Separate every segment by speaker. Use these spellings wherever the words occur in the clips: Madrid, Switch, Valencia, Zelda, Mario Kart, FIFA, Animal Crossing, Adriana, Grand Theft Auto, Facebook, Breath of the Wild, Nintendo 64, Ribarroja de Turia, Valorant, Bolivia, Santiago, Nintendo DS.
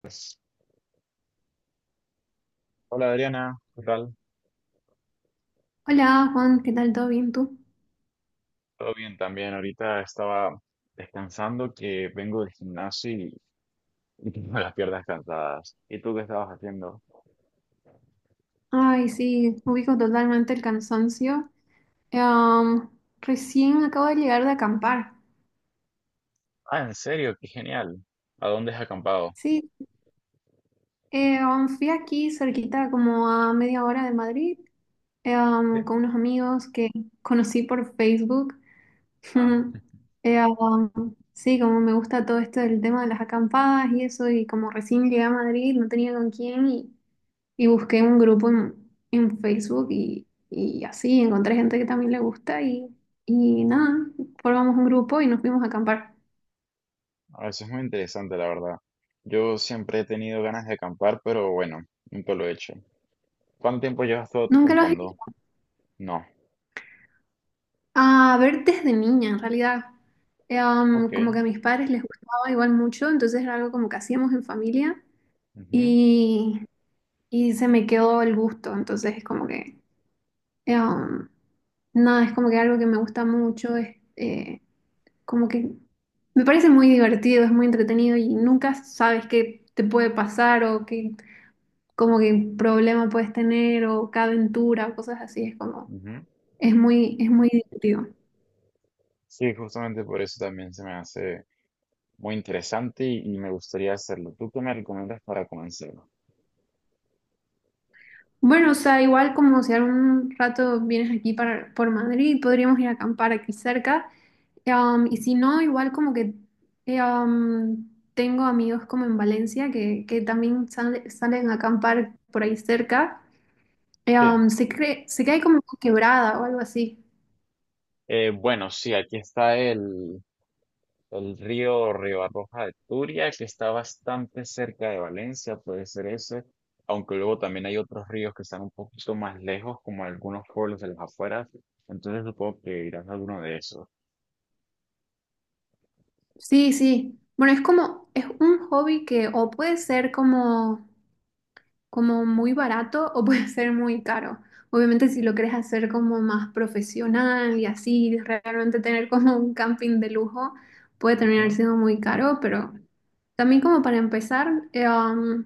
Speaker 1: Pues, hola Adriana, ¿qué tal?
Speaker 2: Hola Juan, ¿qué tal? ¿Todo bien tú?
Speaker 1: Todo bien también. Ahorita estaba descansando que vengo del gimnasio y tengo las piernas cansadas. ¿Y tú qué estabas haciendo?
Speaker 2: Ay, sí, ubico totalmente el cansancio. Em, Recién acabo de llegar de acampar.
Speaker 1: Ah, en serio, qué genial. ¿A dónde has acampado?
Speaker 2: Sí, fui aquí cerquita, como a media hora de Madrid,
Speaker 1: Sí.
Speaker 2: con unos amigos que conocí por Facebook.
Speaker 1: Ah,
Speaker 2: Em, sí, como me gusta todo esto del tema de las acampadas y eso, y como recién llegué a Madrid, no tenía con quién. Y busqué un grupo en Facebook y así encontré gente que también le gusta y nada, formamos un grupo y nos fuimos a acampar.
Speaker 1: ah, eso es muy interesante, la verdad. Yo siempre he tenido ganas de acampar, pero bueno, nunca lo he hecho. ¿Cuánto tiempo llevas todo
Speaker 2: Nunca lo has hecho.
Speaker 1: acampando? No.
Speaker 2: A ver, desde niña, en realidad.
Speaker 1: Ok.
Speaker 2: Como que a mis padres les gustaba igual mucho, entonces era algo como que hacíamos en familia
Speaker 1: Ujú,
Speaker 2: y, y se me quedó el gusto. Entonces es como que, eh, um, nada, es como que algo que me gusta mucho. Es, como que me parece muy divertido, es muy entretenido y nunca sabes qué te puede pasar o qué como que problema puedes tener o qué aventura o cosas así, es como
Speaker 1: ujú.
Speaker 2: es muy divertido.
Speaker 1: Sí, justamente por eso también se me hace muy interesante y me gustaría hacerlo. ¿Tú qué me recomiendas para comenzar?
Speaker 2: Bueno, o sea, igual como si algún rato vienes aquí para, por Madrid, podríamos ir a acampar aquí cerca. Y si no, igual como que eh, um, tengo amigos como en Valencia que también salen a acampar por ahí cerca.
Speaker 1: Sí.
Speaker 2: Se cree, se cae como una quebrada o algo así.
Speaker 1: Bueno, sí, aquí está el río Ribarroja de Turia, que está bastante cerca de Valencia, puede ser ese, aunque luego también hay otros ríos que están un poquito más lejos, como algunos pueblos de las afueras, entonces supongo que irás a alguno de esos.
Speaker 2: Sí, sí. Bueno, es como, es un hobby que o puede ser como como muy barato o puede ser muy caro. Obviamente si lo quieres hacer como más profesional y así, realmente tener como un camping de lujo, puede terminar
Speaker 1: Ujú,
Speaker 2: siendo muy caro, pero también como para empezar,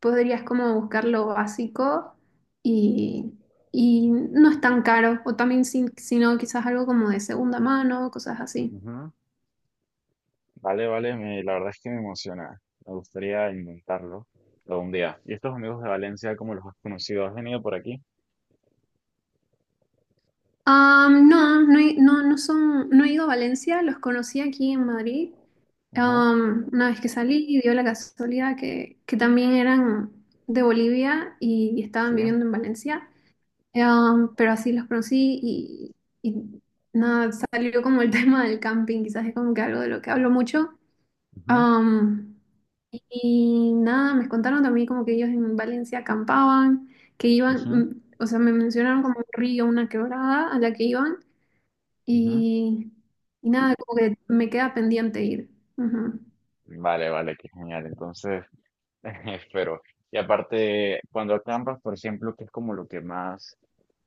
Speaker 2: podrías como buscar lo básico y, y no es tan caro, o también si, si no, quizás algo como de segunda mano, cosas así.
Speaker 1: ujú. Vale, vale, me- la verdad es que me emociona, me gustaría intentarlo algún día. ¿Y estos amigos de Valencia, cómo los has conocido? ¿Has venido por aquí?
Speaker 2: No, no, no, no son, no he ido a Valencia, los conocí aquí en Madrid.
Speaker 1: Ujú,
Speaker 2: Una vez que salí y dio la casualidad que también eran de Bolivia y estaban
Speaker 1: sí.
Speaker 2: viviendo en Valencia. Pero así los conocí y nada, salió como el tema del camping, quizás es como que algo de lo que hablo mucho.
Speaker 1: Ujú,
Speaker 2: Um, y nada, me contaron también como que ellos en Valencia acampaban, que iban,
Speaker 1: ujú,
Speaker 2: o sea, me mencionaron como un río, una quebrada a la que iban
Speaker 1: ujú.
Speaker 2: y, y nada, como que me queda pendiente ir. Ujú.
Speaker 1: Vale, vale, qué genial. Entonces... Espero. Y aparte, cuando acampas, por ejemplo, que es como lo que más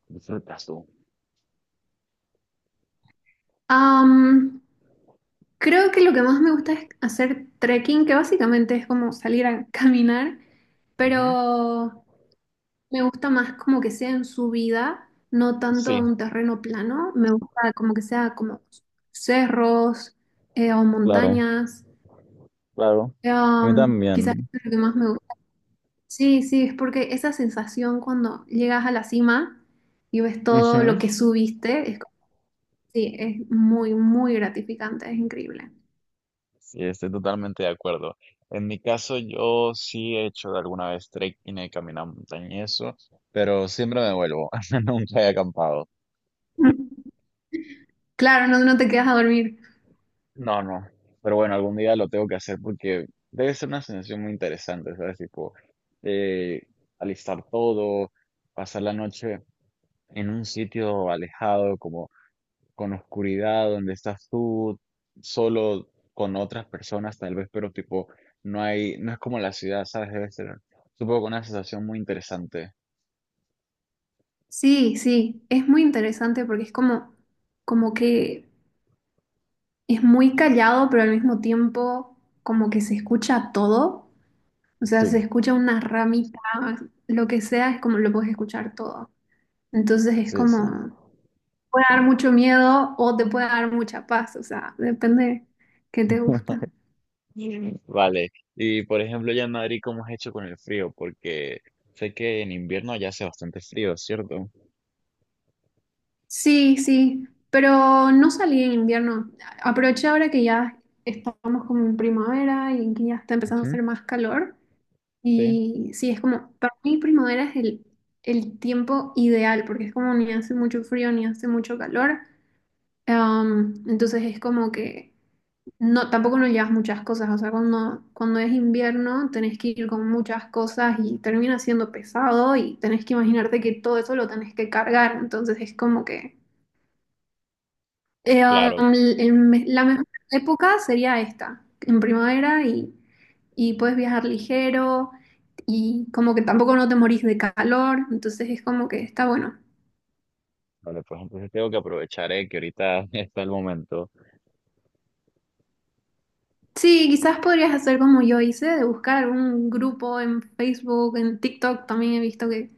Speaker 1: disfrutas tú?
Speaker 2: Am, Creo que lo que más me gusta es hacer trekking, que básicamente es como salir a caminar,
Speaker 1: Ujú.
Speaker 2: pero me gusta más como que sea en subida, no tanto
Speaker 1: Sí,
Speaker 2: un terreno plano. Me gusta como que sea como cerros o
Speaker 1: claro,
Speaker 2: montañas.
Speaker 1: claro. A mí
Speaker 2: Quizás es
Speaker 1: también.
Speaker 2: lo que más me gusta. Sí, sí, es porque esa sensación cuando llegas a la cima y ves todo lo
Speaker 1: Ujú.
Speaker 2: que subiste, es, como sí, es muy, muy gratificante, es increíble.
Speaker 1: Sí, estoy totalmente de acuerdo. En mi caso, yo sí he hecho de alguna vez trekking, he caminado montaña y eso, pero siempre me vuelvo. Nunca he acampado.
Speaker 2: Claro, no, no te quedas a dormir.
Speaker 1: No, no. Pero bueno, algún día lo tengo que hacer porque debe ser una sensación muy interesante, ¿sabes? Tipo, eh, alistar todo, pasar la noche en un sitio alejado, como con oscuridad, donde estás tú solo con otras personas tal vez, pero tipo, no es como la ciudad, ¿sabes? Debe ser, supongo, una sensación muy interesante.
Speaker 2: Sí, sí, es muy interesante porque es como, como que es muy callado, pero al mismo tiempo como que se escucha todo. O sea,
Speaker 1: Sí,
Speaker 2: se escucha una ramita, lo que sea, es como lo puedes escuchar todo. Entonces es
Speaker 1: sí, sí.
Speaker 2: como, puede dar mucho miedo o te puede dar mucha paz, o sea, depende que te gusta.
Speaker 1: Mm. Vale, y por ejemplo, ya en Madrid, ¿cómo has hecho con el frío? Porque sé que en invierno ya hace bastante frío, ¿cierto?
Speaker 2: Sí, sí, pero no salí en invierno. Aproveché ahora que ya estamos como en primavera y que ya está empezando a
Speaker 1: Ujú,
Speaker 2: hacer más calor.
Speaker 1: sí,
Speaker 2: Y sí, es como, para mí primavera es el tiempo ideal, porque es como ni hace mucho frío ni hace mucho calor. Entonces es como que no, tampoco no llevas muchas cosas. O sea, cuando es invierno tenés que ir con muchas cosas y termina siendo pesado y tenés que imaginarte que todo eso lo tenés que cargar. Entonces es como que... Eh,
Speaker 1: claro.
Speaker 2: la mejor época sería esta, en primavera y puedes viajar ligero y como que tampoco no te morís de calor, entonces es como que está bueno.
Speaker 1: Vale, pues entonces tengo que aprovechar, que ahorita está el momento.
Speaker 2: Sí, quizás podrías hacer como yo hice, de buscar algún grupo en Facebook, en TikTok, también he visto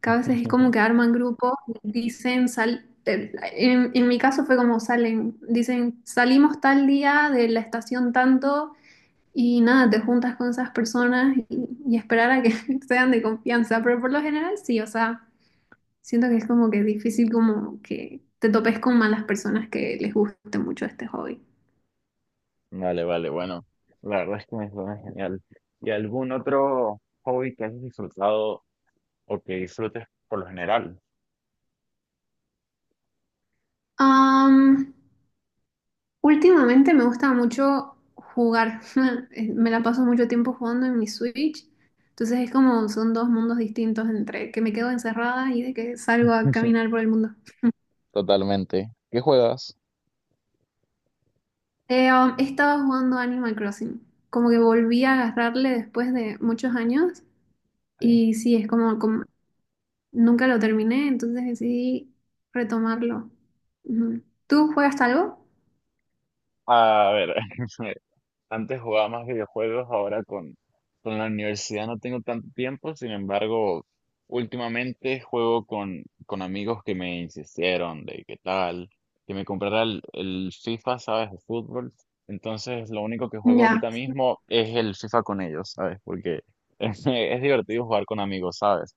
Speaker 2: que a veces es como que arman grupos, dicen, sal, en mi caso fue como salen, dicen, salimos tal día de la estación tanto. Y nada, te juntas con esas personas y esperar a que sean de confianza, pero por lo general sí, o sea, siento que es como que difícil como que te topes con malas personas que les guste mucho este hobby.
Speaker 1: Vale, vale, bueno, la verdad es que me suena genial. ¿Y algún otro hobby que hayas disfrutado o que disfrutes por lo general?
Speaker 2: Am, Últimamente me gusta mucho jugar. Me la paso mucho tiempo jugando en mi Switch, entonces es como son dos mundos distintos entre que me quedo encerrada y de que salgo a caminar por el mundo.
Speaker 1: Totalmente. ¿Qué juegas?
Speaker 2: He estado jugando Animal Crossing. Como que volví a agarrarle después de muchos años.
Speaker 1: Sí.
Speaker 2: Y sí, es como, como nunca lo terminé, entonces decidí retomarlo. Ujú. ¿Tú juegas algo?
Speaker 1: A ver, antes jugaba más videojuegos, ahora con la universidad no tengo tanto tiempo. Sin embargo, últimamente juego con amigos que me insistieron de qué tal, que me comprara el FIFA, ¿sabes? De fútbol. Entonces, lo único que juego
Speaker 2: Ya.
Speaker 1: ahorita mismo es el FIFA con ellos, ¿sabes? Porque es divertido jugar con amigos, ¿sabes?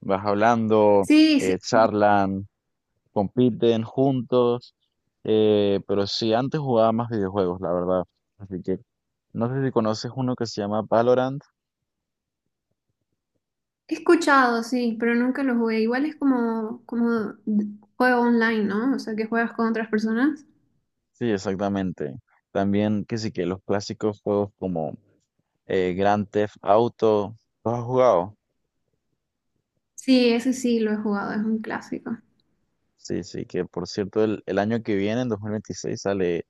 Speaker 1: Vas hablando,
Speaker 2: Sí, sí.
Speaker 1: charlan, compiten juntos, pero sí, antes jugaba más videojuegos, la verdad. Así que no sé si conoces uno que se llama Valorant.
Speaker 2: He escuchado, sí, pero nunca lo jugué. Igual es como, como juego online, ¿no? O sea, que juegas con otras personas.
Speaker 1: Sí, exactamente. También que sí, que los clásicos juegos como Grand Theft Auto, ¿los has jugado?
Speaker 2: Sí, ese sí lo he jugado, es un clásico.
Speaker 1: Sí, sí, que por cierto el año que viene, en 2026, sale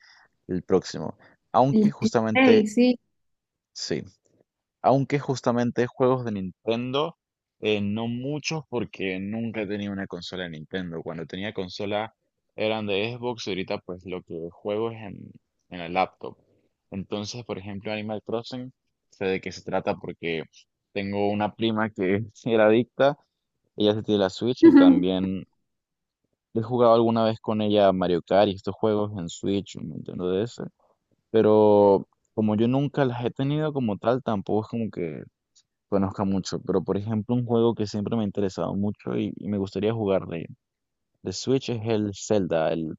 Speaker 1: el próximo. Aunque
Speaker 2: El
Speaker 1: justamente
Speaker 2: Play, sí.
Speaker 1: sí. Aunque justamente juegos de Nintendo, no muchos porque nunca he tenido una consola de Nintendo. Cuando tenía consola eran de Xbox y ahorita pues lo que juego es en la laptop. Entonces, por ejemplo, Animal Crossing, sé de qué se trata porque tengo una prima que era adicta, ella se tiene la Switch y también he jugado alguna vez con ella Mario Kart y estos juegos en Switch, en Nintendo DS, pero como yo nunca las he tenido como tal, tampoco es como que conozca mucho. Pero por ejemplo un juego que siempre me ha interesado mucho y me gustaría jugar de Switch es el Zelda,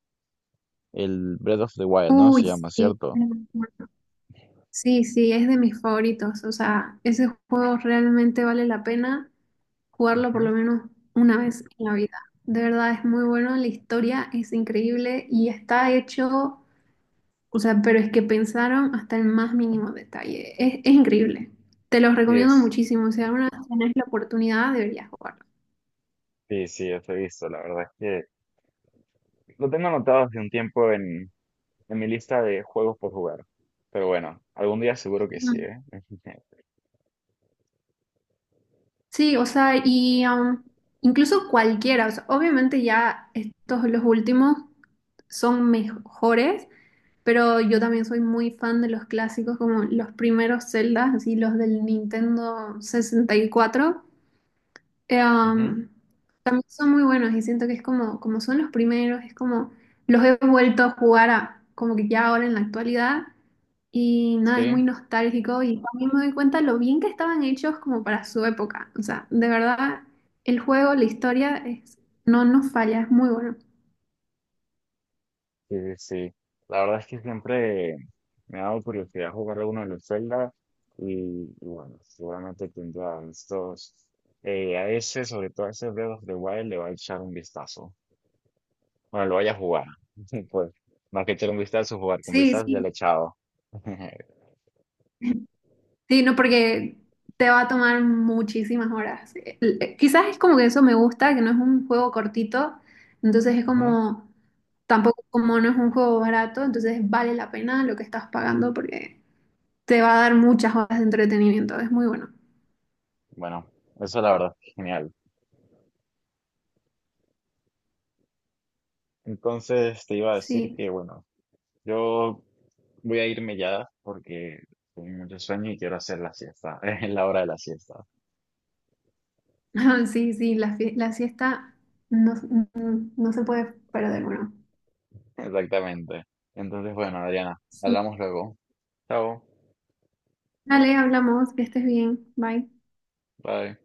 Speaker 1: el Breath of the Wild, ¿no?
Speaker 2: Uy,
Speaker 1: Se llama,
Speaker 2: sí.
Speaker 1: ¿cierto?
Speaker 2: Sí, sí, es de mis favoritos. O sea, ese juego realmente vale la pena jugarlo por
Speaker 1: Ujú,
Speaker 2: lo menos una vez en la vida. De verdad es muy bueno, la historia es increíble y está hecho, o sea, pero es que pensaron hasta el más mínimo detalle. Es increíble. Te los
Speaker 1: sí,
Speaker 2: recomiendo
Speaker 1: es.
Speaker 2: muchísimo. Si alguna vez tenés la oportunidad, deberías jugarlo.
Speaker 1: Sí, sí, yo lo he visto. La verdad es que lo tengo anotado hace un tiempo en mi lista de juegos por jugar. Pero bueno, algún día seguro que sí,
Speaker 2: Mm.
Speaker 1: ¿eh?
Speaker 2: Sí, o sea, y incluso cualquiera, o sea, obviamente ya estos los últimos son mejores. Pero yo también soy muy fan de los clásicos, como los primeros Zeldas, así los del Nintendo 64. Eh,
Speaker 1: Ujú,
Speaker 2: um, También son muy buenos y siento que es como, como son los primeros, es como los he vuelto a jugar como que ya ahora en la actualidad y nada, es muy
Speaker 1: sí.
Speaker 2: nostálgico y también me doy cuenta lo bien que estaban hechos como para su época. O sea, de verdad, el juego, la historia, es, no nos falla, es muy bueno.
Speaker 1: Sí, sí. La verdad es que siempre me ha dado curiosidad jugar a uno de los Zelda y, y bueno, seguramente tendrá estos, a ese, sobre todo a ese Breath of the Wild, le va a echar un vistazo. Bueno, lo vaya a jugar. Pues, más que echar un vistazo, jugar con
Speaker 2: Sí,
Speaker 1: vistas ya
Speaker 2: sí.
Speaker 1: le he echado.
Speaker 2: Sí, no, porque te va a tomar muchísimas horas. Quizás es como que eso me gusta, que no es un juego cortito, entonces es
Speaker 1: Ujú.
Speaker 2: como, tampoco como no es un juego barato, entonces vale la pena lo que estás pagando porque te va a dar muchas horas de entretenimiento, es muy bueno.
Speaker 1: Bueno, eso la verdad es genial. Entonces te iba a decir
Speaker 2: Sí,
Speaker 1: que, bueno, yo voy a irme ya porque tengo mucho sueño y quiero hacer la siesta. Es la hora de la siesta.
Speaker 2: sí, sí, la, la siesta no, no se puede perder, bueno.
Speaker 1: Exactamente. Entonces, bueno, Adriana,
Speaker 2: Sí.
Speaker 1: hablamos luego. Chao.
Speaker 2: Dale, hablamos, que estés bien, bye.
Speaker 1: Bye.